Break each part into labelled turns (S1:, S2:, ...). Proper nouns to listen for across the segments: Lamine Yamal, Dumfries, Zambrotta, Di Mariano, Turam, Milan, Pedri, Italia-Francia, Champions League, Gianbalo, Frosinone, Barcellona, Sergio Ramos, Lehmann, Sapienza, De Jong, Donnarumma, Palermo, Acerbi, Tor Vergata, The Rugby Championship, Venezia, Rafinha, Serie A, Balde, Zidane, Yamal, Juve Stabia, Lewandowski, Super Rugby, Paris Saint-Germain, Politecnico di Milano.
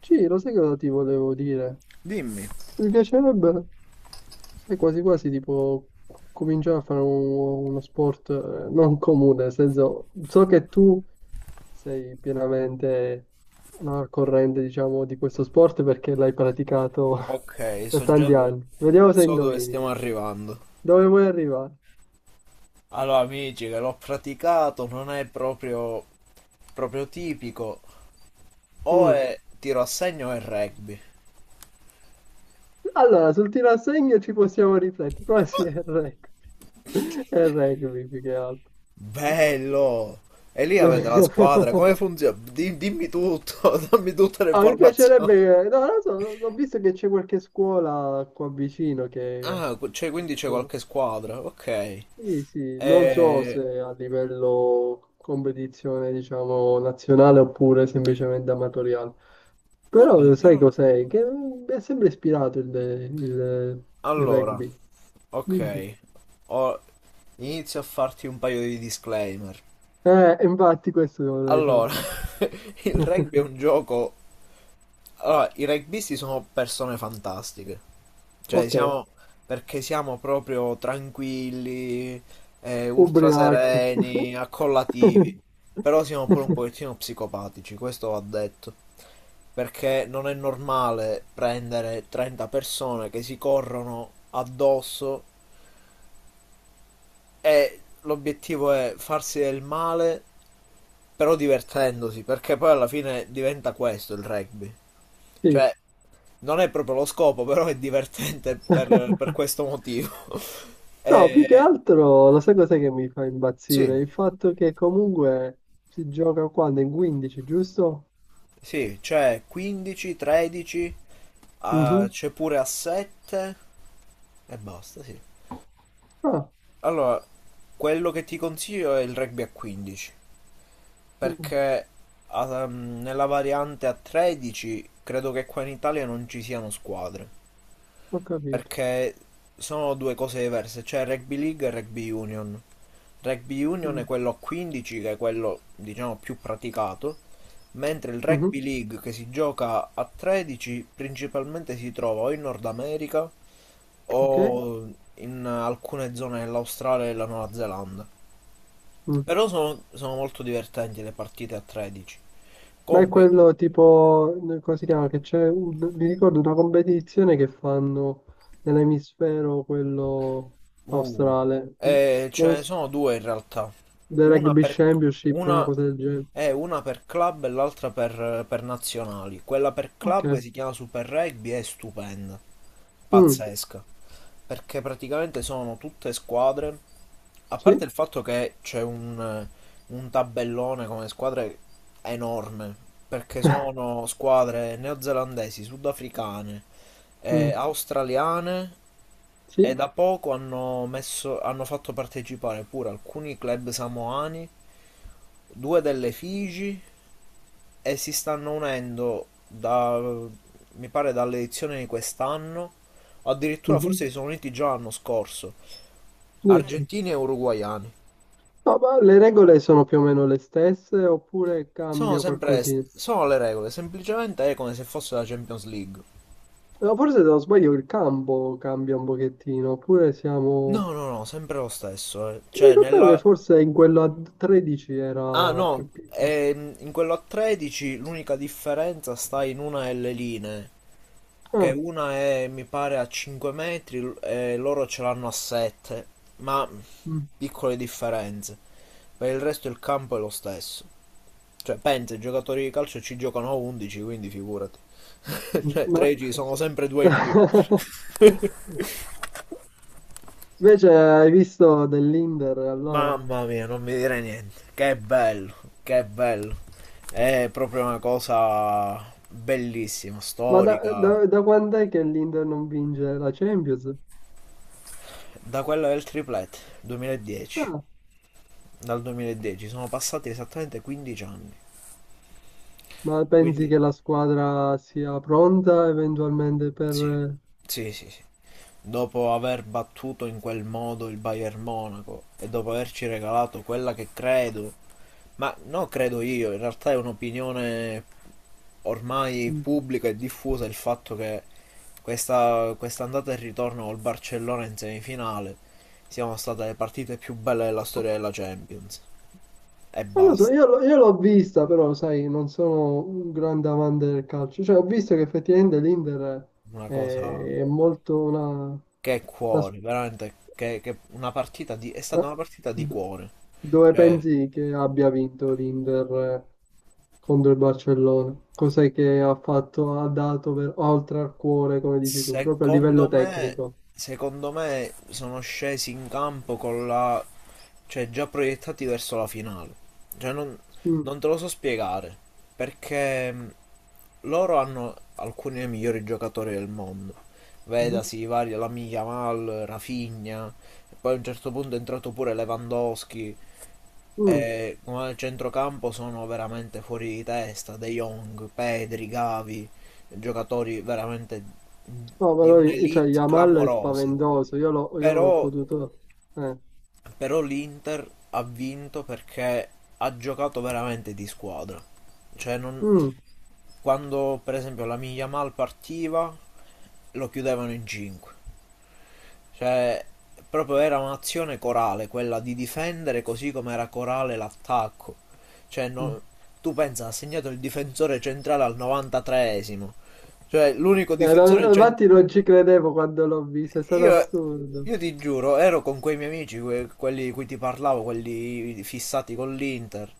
S1: Sì, lo sai cosa ti volevo dire?
S2: Dimmi.
S1: Mi piacerebbe, sai, quasi quasi tipo cominciare a fare uno sport non comune, nel senso, so che tu sei pienamente no, al corrente, diciamo, di questo sport perché l'hai praticato
S2: Ok,
S1: per tanti anni. Vediamo se
S2: so dove
S1: indovini.
S2: stiamo arrivando.
S1: Dove vuoi arrivare?
S2: Allora, amici, che l'ho praticato, non è proprio tipico. O
S1: Mm.
S2: è tiro a segno o è rugby.
S1: Allora, sul tiro a segno ci possiamo riflettere, però sì, è il rugby. È il rugby più che altro.
S2: Bello! E lì avete la squadra, come funziona? Dimmi tutto, dammi tutte le
S1: Ah, mi
S2: informazioni.
S1: piacerebbe, no, non lo so, ho visto che c'è qualche scuola qua vicino che...
S2: Ah, cioè, quindi c'è qualche squadra, ok.
S1: Sì, sì, non so
S2: E.
S1: se a livello competizione, diciamo, nazionale oppure semplicemente amatoriale.
S2: Vabbè,
S1: Però sai
S2: però.
S1: cos'è? Che è sempre ispirato il
S2: Allora,
S1: rugby. Dimmi tu.
S2: ok, Ho- inizio a farti un paio di disclaimer.
S1: Infatti questo lo vorrei
S2: Allora, il
S1: sapere.
S2: rugby è un gioco. Allora, i rugbyisti sono persone fantastiche. Cioè,
S1: Ok,
S2: siamo. Perché siamo proprio tranquilli, ultra
S1: ubriachi.
S2: sereni, accollativi. Però siamo pure un pochettino psicopatici, questo va detto. Perché non è normale prendere 30 persone che si corrono addosso. E l'obiettivo è farsi del male, però divertendosi, perché poi alla fine diventa questo il rugby.
S1: Sì.
S2: Cioè, non è proprio lo scopo, però è divertente per questo motivo.
S1: No, più che
S2: E,
S1: altro, lo sai cos'è che mi fa impazzire?
S2: sì,
S1: Il fatto che comunque si gioca quando? In 15, giusto?
S2: sì, c'è 15, 13,
S1: Mhm.
S2: c'è pure a 7 e basta, sì.
S1: Ah,
S2: Allora, quello che ti consiglio è il rugby a 15.
S1: mm,
S2: Perché nella variante a 13 credo che qua in Italia non ci siano squadre.
S1: ho capito.
S2: Perché sono due cose diverse, c'è Rugby League e Rugby Union. Rugby Union è
S1: Mm,
S2: quello a 15 che è quello diciamo più praticato, mentre il
S1: mhm,
S2: Rugby League che si gioca a 13 principalmente si trova o in Nord America
S1: ok.
S2: o in alcune zone dell'Australia e della Nuova Zelanda.
S1: Mm.
S2: Però sono molto divertenti le partite a 13.
S1: Ma è
S2: Comunque,
S1: quello tipo, come si chiama? Che c'è, mi ricordo una competizione che fanno nell'emisfero quello
S2: Uh,
S1: australe. Mm.
S2: ce
S1: Come
S2: ne
S1: si-
S2: sono due in realtà.
S1: The
S2: Una
S1: Rugby
S2: per,
S1: Championship, una
S2: una,
S1: cosa del genere.
S2: una per club e l'altra per nazionali. Quella per club
S1: Ok.
S2: si chiama Super Rugby, è stupenda,
S1: Mm.
S2: pazzesca. Perché praticamente sono tutte squadre, a parte
S1: Sì.
S2: il fatto che c'è un tabellone come squadre enorme, perché sono squadre neozelandesi, sudafricane,
S1: Mm.
S2: australiane e
S1: Sì.
S2: da poco hanno fatto partecipare pure alcuni club samoani, due delle Figi e si stanno unendo mi pare dall'edizione di quest'anno, o addirittura
S1: Mhm.
S2: forse si sono uniti già l'anno scorso,
S1: Dì tu.
S2: argentini e uruguaiani.
S1: No, ma le regole sono più o meno le stesse oppure cambia qualcosina?
S2: Sono le regole, semplicemente è come se fosse la Champions League.
S1: No, forse se non sbaglio il campo cambia un pochettino, oppure siamo...
S2: No, no, no, sempre lo stesso, eh.
S1: Mi ricordavo che forse in quello a 13
S2: Ah
S1: era
S2: no,
S1: più piccolo.
S2: in quello a 13 l'unica differenza sta in una delle linee, che
S1: Ah,
S2: una è mi pare a 5 metri e loro ce l'hanno a 7, ma
S1: mm,
S2: piccole differenze. Per il resto il campo è lo stesso. Cioè, pensa, i giocatori di calcio ci giocano a 11, quindi figurati.
S1: mm,
S2: Cioè,
S1: ma...
S2: 13 sono sempre due in più.
S1: Invece hai visto dell'Inter allora?
S2: Mamma mia, non mi dire niente. Che bello, che bello. È proprio una cosa bellissima,
S1: Ma da,
S2: storica.
S1: da, da quant'è che l'Inter non vince la Champions?
S2: Da quello del triplet 2010,
S1: Ah,
S2: dal 2010 sono passati esattamente 15 anni.
S1: ma pensi
S2: Quindi
S1: che la squadra sia pronta eventualmente
S2: sì.
S1: per...
S2: Sì, sì, sì. Dopo aver battuto in quel modo il Bayern Monaco e dopo averci regalato quella che credo, ma non credo io, in realtà è un'opinione ormai
S1: mm,
S2: pubblica e diffusa il fatto che questa andata e ritorno col Barcellona in semifinale siano state le partite più belle della storia della Champions. E
S1: Non lo so,
S2: basta.
S1: io l'ho vista, però, sai, non sono un grande amante del calcio. Cioè, ho visto che effettivamente l'Inter
S2: Una cosa
S1: è molto una,
S2: che è
S1: una s-
S2: cuore, veramente che è
S1: ma
S2: stata una partita di
S1: d-
S2: cuore.
S1: Dove
S2: Cioè,
S1: pensi che abbia vinto l'Inter contro il Barcellona? Cos'è che ha fatto, ha dato oltre al cuore, come dici tu, proprio a
S2: Secondo
S1: livello
S2: me,
S1: tecnico?
S2: secondo me sono scesi in campo con la. Cioè già proiettati verso la finale. Cioè non,
S1: Mm,
S2: non te lo so spiegare, perché loro hanno alcuni dei migliori giocatori del mondo.
S1: mhm,
S2: Vedasi i vari Lamine Yamal, Rafinha, e poi a un certo punto è entrato pure Lewandowski.
S1: mm.
S2: E come al centrocampo sono veramente fuori di testa, De Jong, Pedri, Gavi, giocatori veramente
S1: No,
S2: di
S1: però, cioè,
S2: un'elite
S1: Yamal è
S2: clamorosa.
S1: spaventoso, io ho
S2: Però,
S1: potuto... eh,
S2: però, l'Inter ha vinto perché ha giocato veramente di squadra. Cioè non.
S1: mm.
S2: Quando per esempio la Yamal partiva lo chiudevano in 5. Cioè proprio era un'azione corale quella di difendere, così come era corale l'attacco. Cioè
S1: Mm.
S2: non. Tu pensa, ha segnato il difensore centrale al 93esimo. Cioè l'unico
S1: No,
S2: difensore centrale.
S1: infatti non ci credevo quando l'ho vista, è stato
S2: Io,
S1: assurdo.
S2: io ti giuro, ero con quei miei amici, quelli di cui ti parlavo, quelli fissati con l'Inter.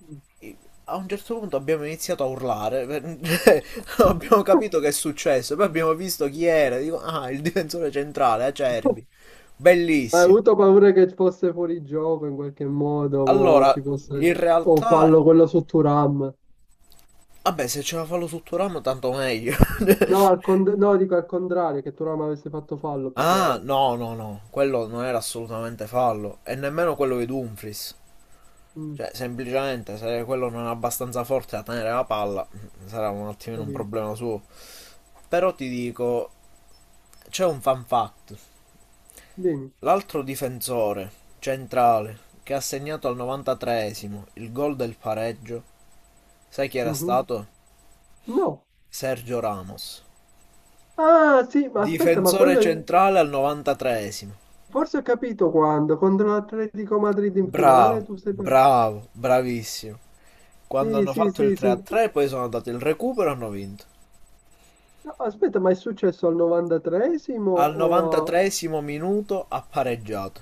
S2: I- A un certo punto abbiamo iniziato a urlare, perché non abbiamo capito che è successo, poi abbiamo visto chi era, dico, ah, il difensore centrale, Acerbi.
S1: Ma hai
S2: Bellissimo.
S1: avuto paura che fosse fuori gioco in qualche modo, o ci
S2: Allora,
S1: fosse
S2: in
S1: o
S2: realtà,
S1: fallo quello su Turam.
S2: vabbè, se ce la fa lo Sotturamo tanto meglio.
S1: No, no, dico al contrario, che Turam avesse fatto fallo più che
S2: Ah,
S1: altro.
S2: no, no, no, quello non era assolutamente fallo, e nemmeno quello di Dumfries.
S1: Mm,
S2: Cioè, semplicemente se quello non è abbastanza forte da tenere la palla, sarà un attimino un
S1: capito.
S2: problema suo. Però ti dico, c'è un fan fact.
S1: Dimmi.
S2: L'altro difensore centrale che ha segnato al 93esimo il gol del pareggio, sai chi era
S1: Mhm.
S2: stato?
S1: No.
S2: Sergio Ramos.
S1: Ah, sì, ma aspetta, ma
S2: Difensore centrale al 93esimo.
S1: forse ho capito quando, contro l'Atletico Madrid in finale,
S2: Bravo,
S1: tu sei... par-
S2: bravo, bravissimo. Quando
S1: Sì,
S2: hanno
S1: sì,
S2: fatto il
S1: sì, sì.
S2: 3-3 poi sono andato il recupero e hanno vinto.
S1: No, aspetta, ma è successo al 93esimo
S2: Al
S1: o...
S2: 93esimo minuto ha pareggiato.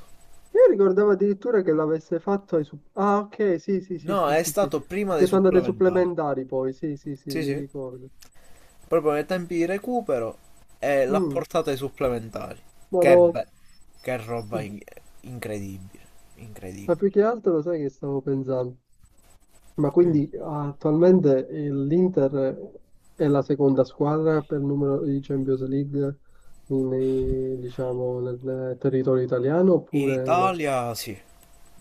S1: Io ricordavo addirittura che l'avesse fatto. Ah, ok, sì, sì, sì,
S2: No,
S1: sì,
S2: è
S1: sì, sì.
S2: stato prima
S1: Perché
S2: dei
S1: sono andate ai
S2: supplementari.
S1: supplementari poi, sì, sì, sì,
S2: Sì,
S1: mi
S2: sì.
S1: ricordo.
S2: Proprio nei tempi di recupero e l'ha
S1: Mm,
S2: portato ai supplementari.
S1: ma
S2: Che,
S1: no,
S2: be- che roba incredibile.
S1: ma
S2: Incredibile.
S1: più che altro lo sai che stavo pensando? Ma
S2: Mm.
S1: quindi attualmente l'Inter è la seconda squadra per numero di Champions League diciamo, nel territorio italiano
S2: In
S1: oppure no?
S2: Italia, sì.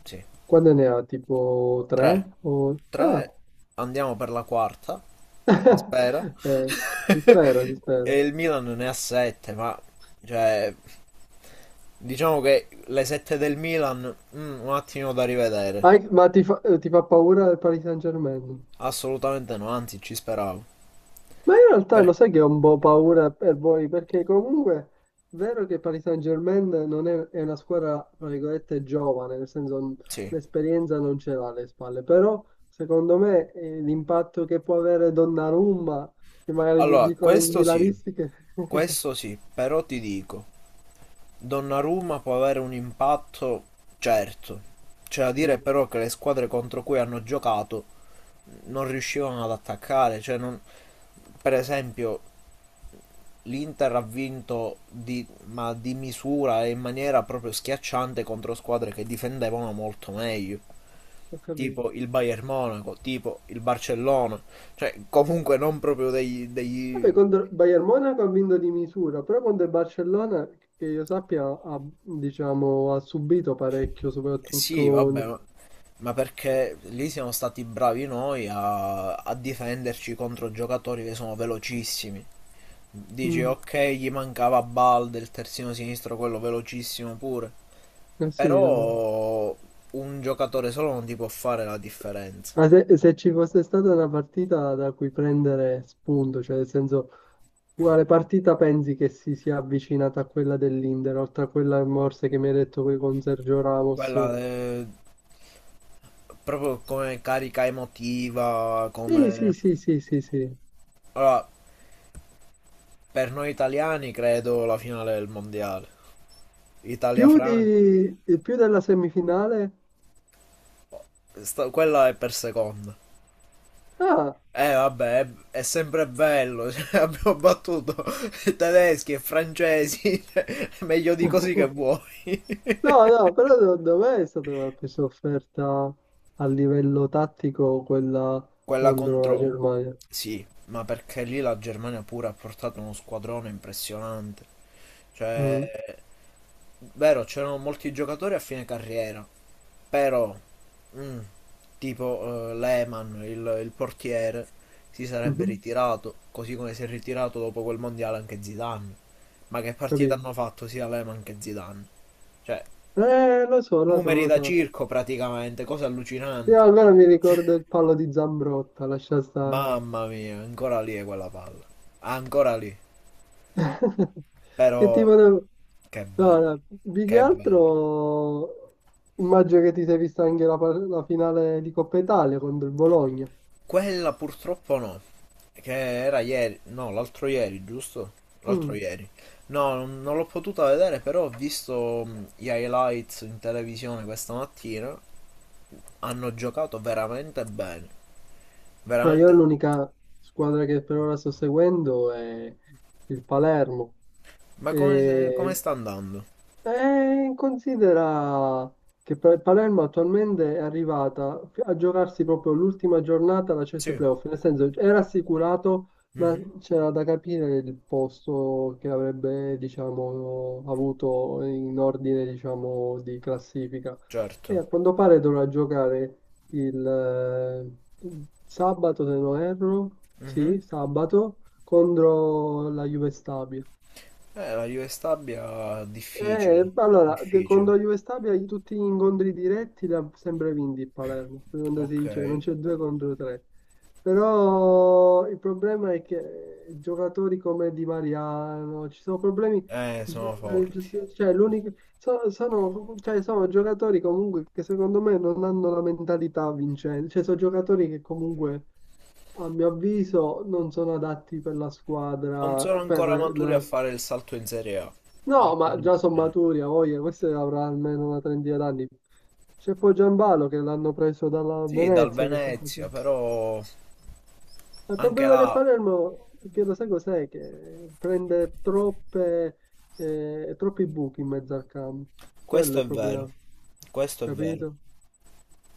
S2: Sì.
S1: Quante ne ha? Tipo tre?
S2: Tre.
S1: O... Ah,
S2: Tre. Andiamo per la quarta. Si spera.
S1: eh, si spera, si
S2: E
S1: spera.
S2: il Milan ne ha sette, ma. Cioè. Diciamo che le 7 del Milan, un attimo da rivedere.
S1: Ma ti fa paura il Paris Saint-Germain?
S2: Assolutamente no, anzi ci speravo.
S1: Ma in realtà
S2: Per.
S1: lo sai che ho un po' paura per voi, perché comunque è vero che il Paris Saint-Germain non è una squadra, tra virgolette, giovane, nel senso
S2: Sì.
S1: l'esperienza non ce l'ha alle spalle, però secondo me l'impatto che può avere Donnarumma, che magari
S2: Allora,
S1: dicono i milanisti che...
S2: questo sì, però ti dico, Donnarumma può avere un impatto, certo. C'è da dire
S1: Mm,
S2: però che le squadre contro cui hanno giocato non riuscivano ad attaccare, cioè non. Per esempio, l'Inter ha vinto ma di misura e in maniera proprio schiacciante contro squadre che difendevano molto meglio,
S1: ho capito.
S2: tipo il Bayern Monaco, tipo il Barcellona, cioè comunque non proprio degli...
S1: Vabbè,
S2: degli...
S1: contro il Bayern Monaco ha vinto di misura, però contro il Barcellona, che io sappia, ha, diciamo, ha subito parecchio,
S2: Sì, vabbè,
S1: soprattutto...
S2: ma perché lì siamo stati bravi noi a difenderci contro giocatori che sono velocissimi. Dici,
S1: Mm,
S2: ok, gli mancava Balde, il terzino sinistro, quello velocissimo pure.
S1: eh sì, no.
S2: Però un giocatore solo non ti può fare la differenza.
S1: Ma se ci fosse stata una partita da cui prendere spunto, cioè nel senso, quale partita pensi che si sia avvicinata a quella dell'Inter, oltre a quella morse che mi hai detto qui con Sergio Ramos?
S2: Quella proprio come carica emotiva,
S1: Sì,
S2: come.
S1: sì, sì, sì, sì, sì.
S2: Allora, per noi italiani credo la finale del mondiale.
S1: Più
S2: Italia-Francia.
S1: di, più della semifinale?
S2: Quella è per seconda.
S1: Ah!
S2: Eh vabbè, è sempre bello, cioè, abbiamo battuto tedeschi e francesi, cioè, meglio di così che vuoi.
S1: No, no, però secondo me è stata una presa offerta a livello tattico quella
S2: Quella
S1: contro la
S2: contro.
S1: Germania.
S2: Sì, ma perché lì la Germania pure ha portato uno squadrone impressionante. Cioè,
S1: Mm,
S2: vero, c'erano molti giocatori a fine carriera, però, mm, tipo Lehmann, il portiere, si sarebbe
S1: mhm,
S2: ritirato, così come si è ritirato dopo quel mondiale anche Zidane. Ma che partita
S1: capito?
S2: hanno fatto sia Lehmann che Zidane? Cioè,
S1: Lo so, lo so,
S2: numeri
S1: lo
S2: da
S1: so.
S2: circo praticamente, cose
S1: Io
S2: allucinanti.
S1: almeno mi ricordo il palo di Zambrotta, lascia stare.
S2: Mamma mia, ancora lì è quella palla. Ancora lì.
S1: Che
S2: Però
S1: tipo di...
S2: che
S1: No,
S2: bello,
S1: no, più che
S2: che bello.
S1: altro immagino che ti sei vista anche la finale di Coppa Italia contro il Bologna.
S2: Quella purtroppo no, che era ieri, no, l'altro ieri, giusto? L'altro
S1: Mm.
S2: ieri. No, non l'ho potuta vedere, però ho visto gli highlights in televisione questa mattina. Hanno giocato veramente bene.
S1: No, io
S2: Veramente.
S1: l'unica squadra che per ora sto seguendo è il Palermo.
S2: Ma come
S1: E
S2: sta andando?
S1: considera che Palermo attualmente è arrivata a giocarsi proprio l'ultima giornata alla CS
S2: Sì.
S1: Playoff, nel senso era assicurato, ma
S2: Mhm,
S1: c'era da capire il posto che avrebbe, diciamo, avuto in ordine, diciamo, di classifica. E
S2: certo.
S1: a quanto pare dovrà giocare il eh, sabato, se non erro, sì,
S2: Mhm.
S1: sabato, contro la Juve Stabia.
S2: La Juve Stabia difficile,
S1: Allora, con
S2: difficile.
S1: la Juve Stabia in tutti gli incontri diretti l'ha sempre vinti il Palermo, quando si
S2: Ok.
S1: dice non c'è due contro tre. Però il problema è che giocatori come Di Mariano, ci sono problemi,
S2: Sono forti.
S1: cioè, l'unico, sono, cioè, sono giocatori comunque che secondo me non hanno la mentalità vincente, cioè sono giocatori che comunque a mio avviso non sono adatti per la
S2: Non
S1: squadra,
S2: sono
S1: per
S2: ancora maturi a
S1: la.
S2: fare il salto in Serie A.
S1: No,
S2: Molto
S1: ma già sono
S2: semplice.
S1: maturi, a voglia, questo avrà almeno una trentina d'anni. C'è poi Gianbalo che l'hanno preso dalla
S2: Sì, dal
S1: Venezia che sta
S2: Venezia,
S1: facendo.
S2: però
S1: Ma il
S2: anche
S1: problema del
S2: là,
S1: Palermo, che lo sai cos'è? Che prende troppi buchi in mezzo al campo. Quello è
S2: questo
S1: il
S2: è vero.
S1: problema,
S2: Questo è vero.
S1: capito?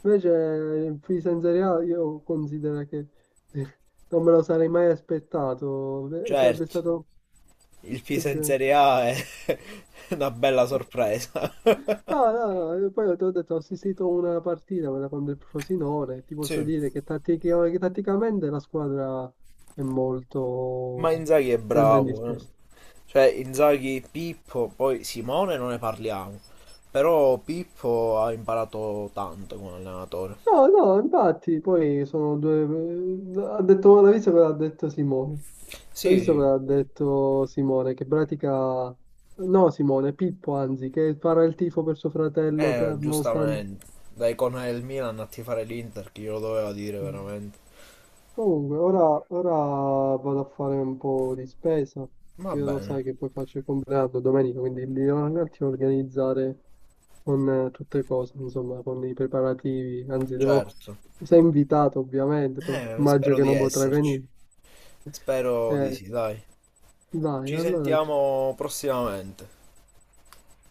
S1: Invece in Fisa in Serie A io considero che non me lo sarei mai aspettato. Sarebbe
S2: Certo,
S1: stato...
S2: il Pisa in
S1: peggio.
S2: Serie A è una bella sorpresa.
S1: No, no, no, io poi ho detto, ho assistito a una partita quella con del Frosinone, ti posso
S2: Sì.
S1: dire che tatticamente la squadra è
S2: Ma
S1: molto
S2: Inzaghi è
S1: ben
S2: bravo, eh.
S1: disposta.
S2: Cioè Inzaghi, Pippo, poi Simone non ne parliamo, però Pippo ha imparato tanto come allenatore.
S1: No, no, infatti, poi sono due... Ha detto, l'ha visto cosa ha detto Simone? L'ha
S2: Sì,
S1: visto
S2: sì,
S1: cosa ha detto Simone? Che pratica... No, Simone, Pippo, anzi, che farà il tifo per suo fratello, per, nonostante...
S2: giustamente, da icona del Milan a tifare l'Inter, chi glielo doveva dire veramente.
S1: Comunque, ora vado a fare un po' di spesa,
S2: Va
S1: che lo
S2: bene,
S1: sai che poi faccio il compleanno domenica, quindi mi devo un attimo organizzare con tutte le cose, insomma, con i preparativi. Anzi, devo...
S2: certo.
S1: Sei invitato, ovviamente, però immagino
S2: Spero
S1: che
S2: di
S1: non potrai
S2: esserci.
S1: venire.
S2: Spero di
S1: Eh,
S2: sì, dai.
S1: dai,
S2: Ci
S1: allora,
S2: sentiamo prossimamente.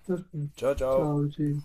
S1: perfetto.
S2: Ciao ciao.
S1: Ciao, Gino.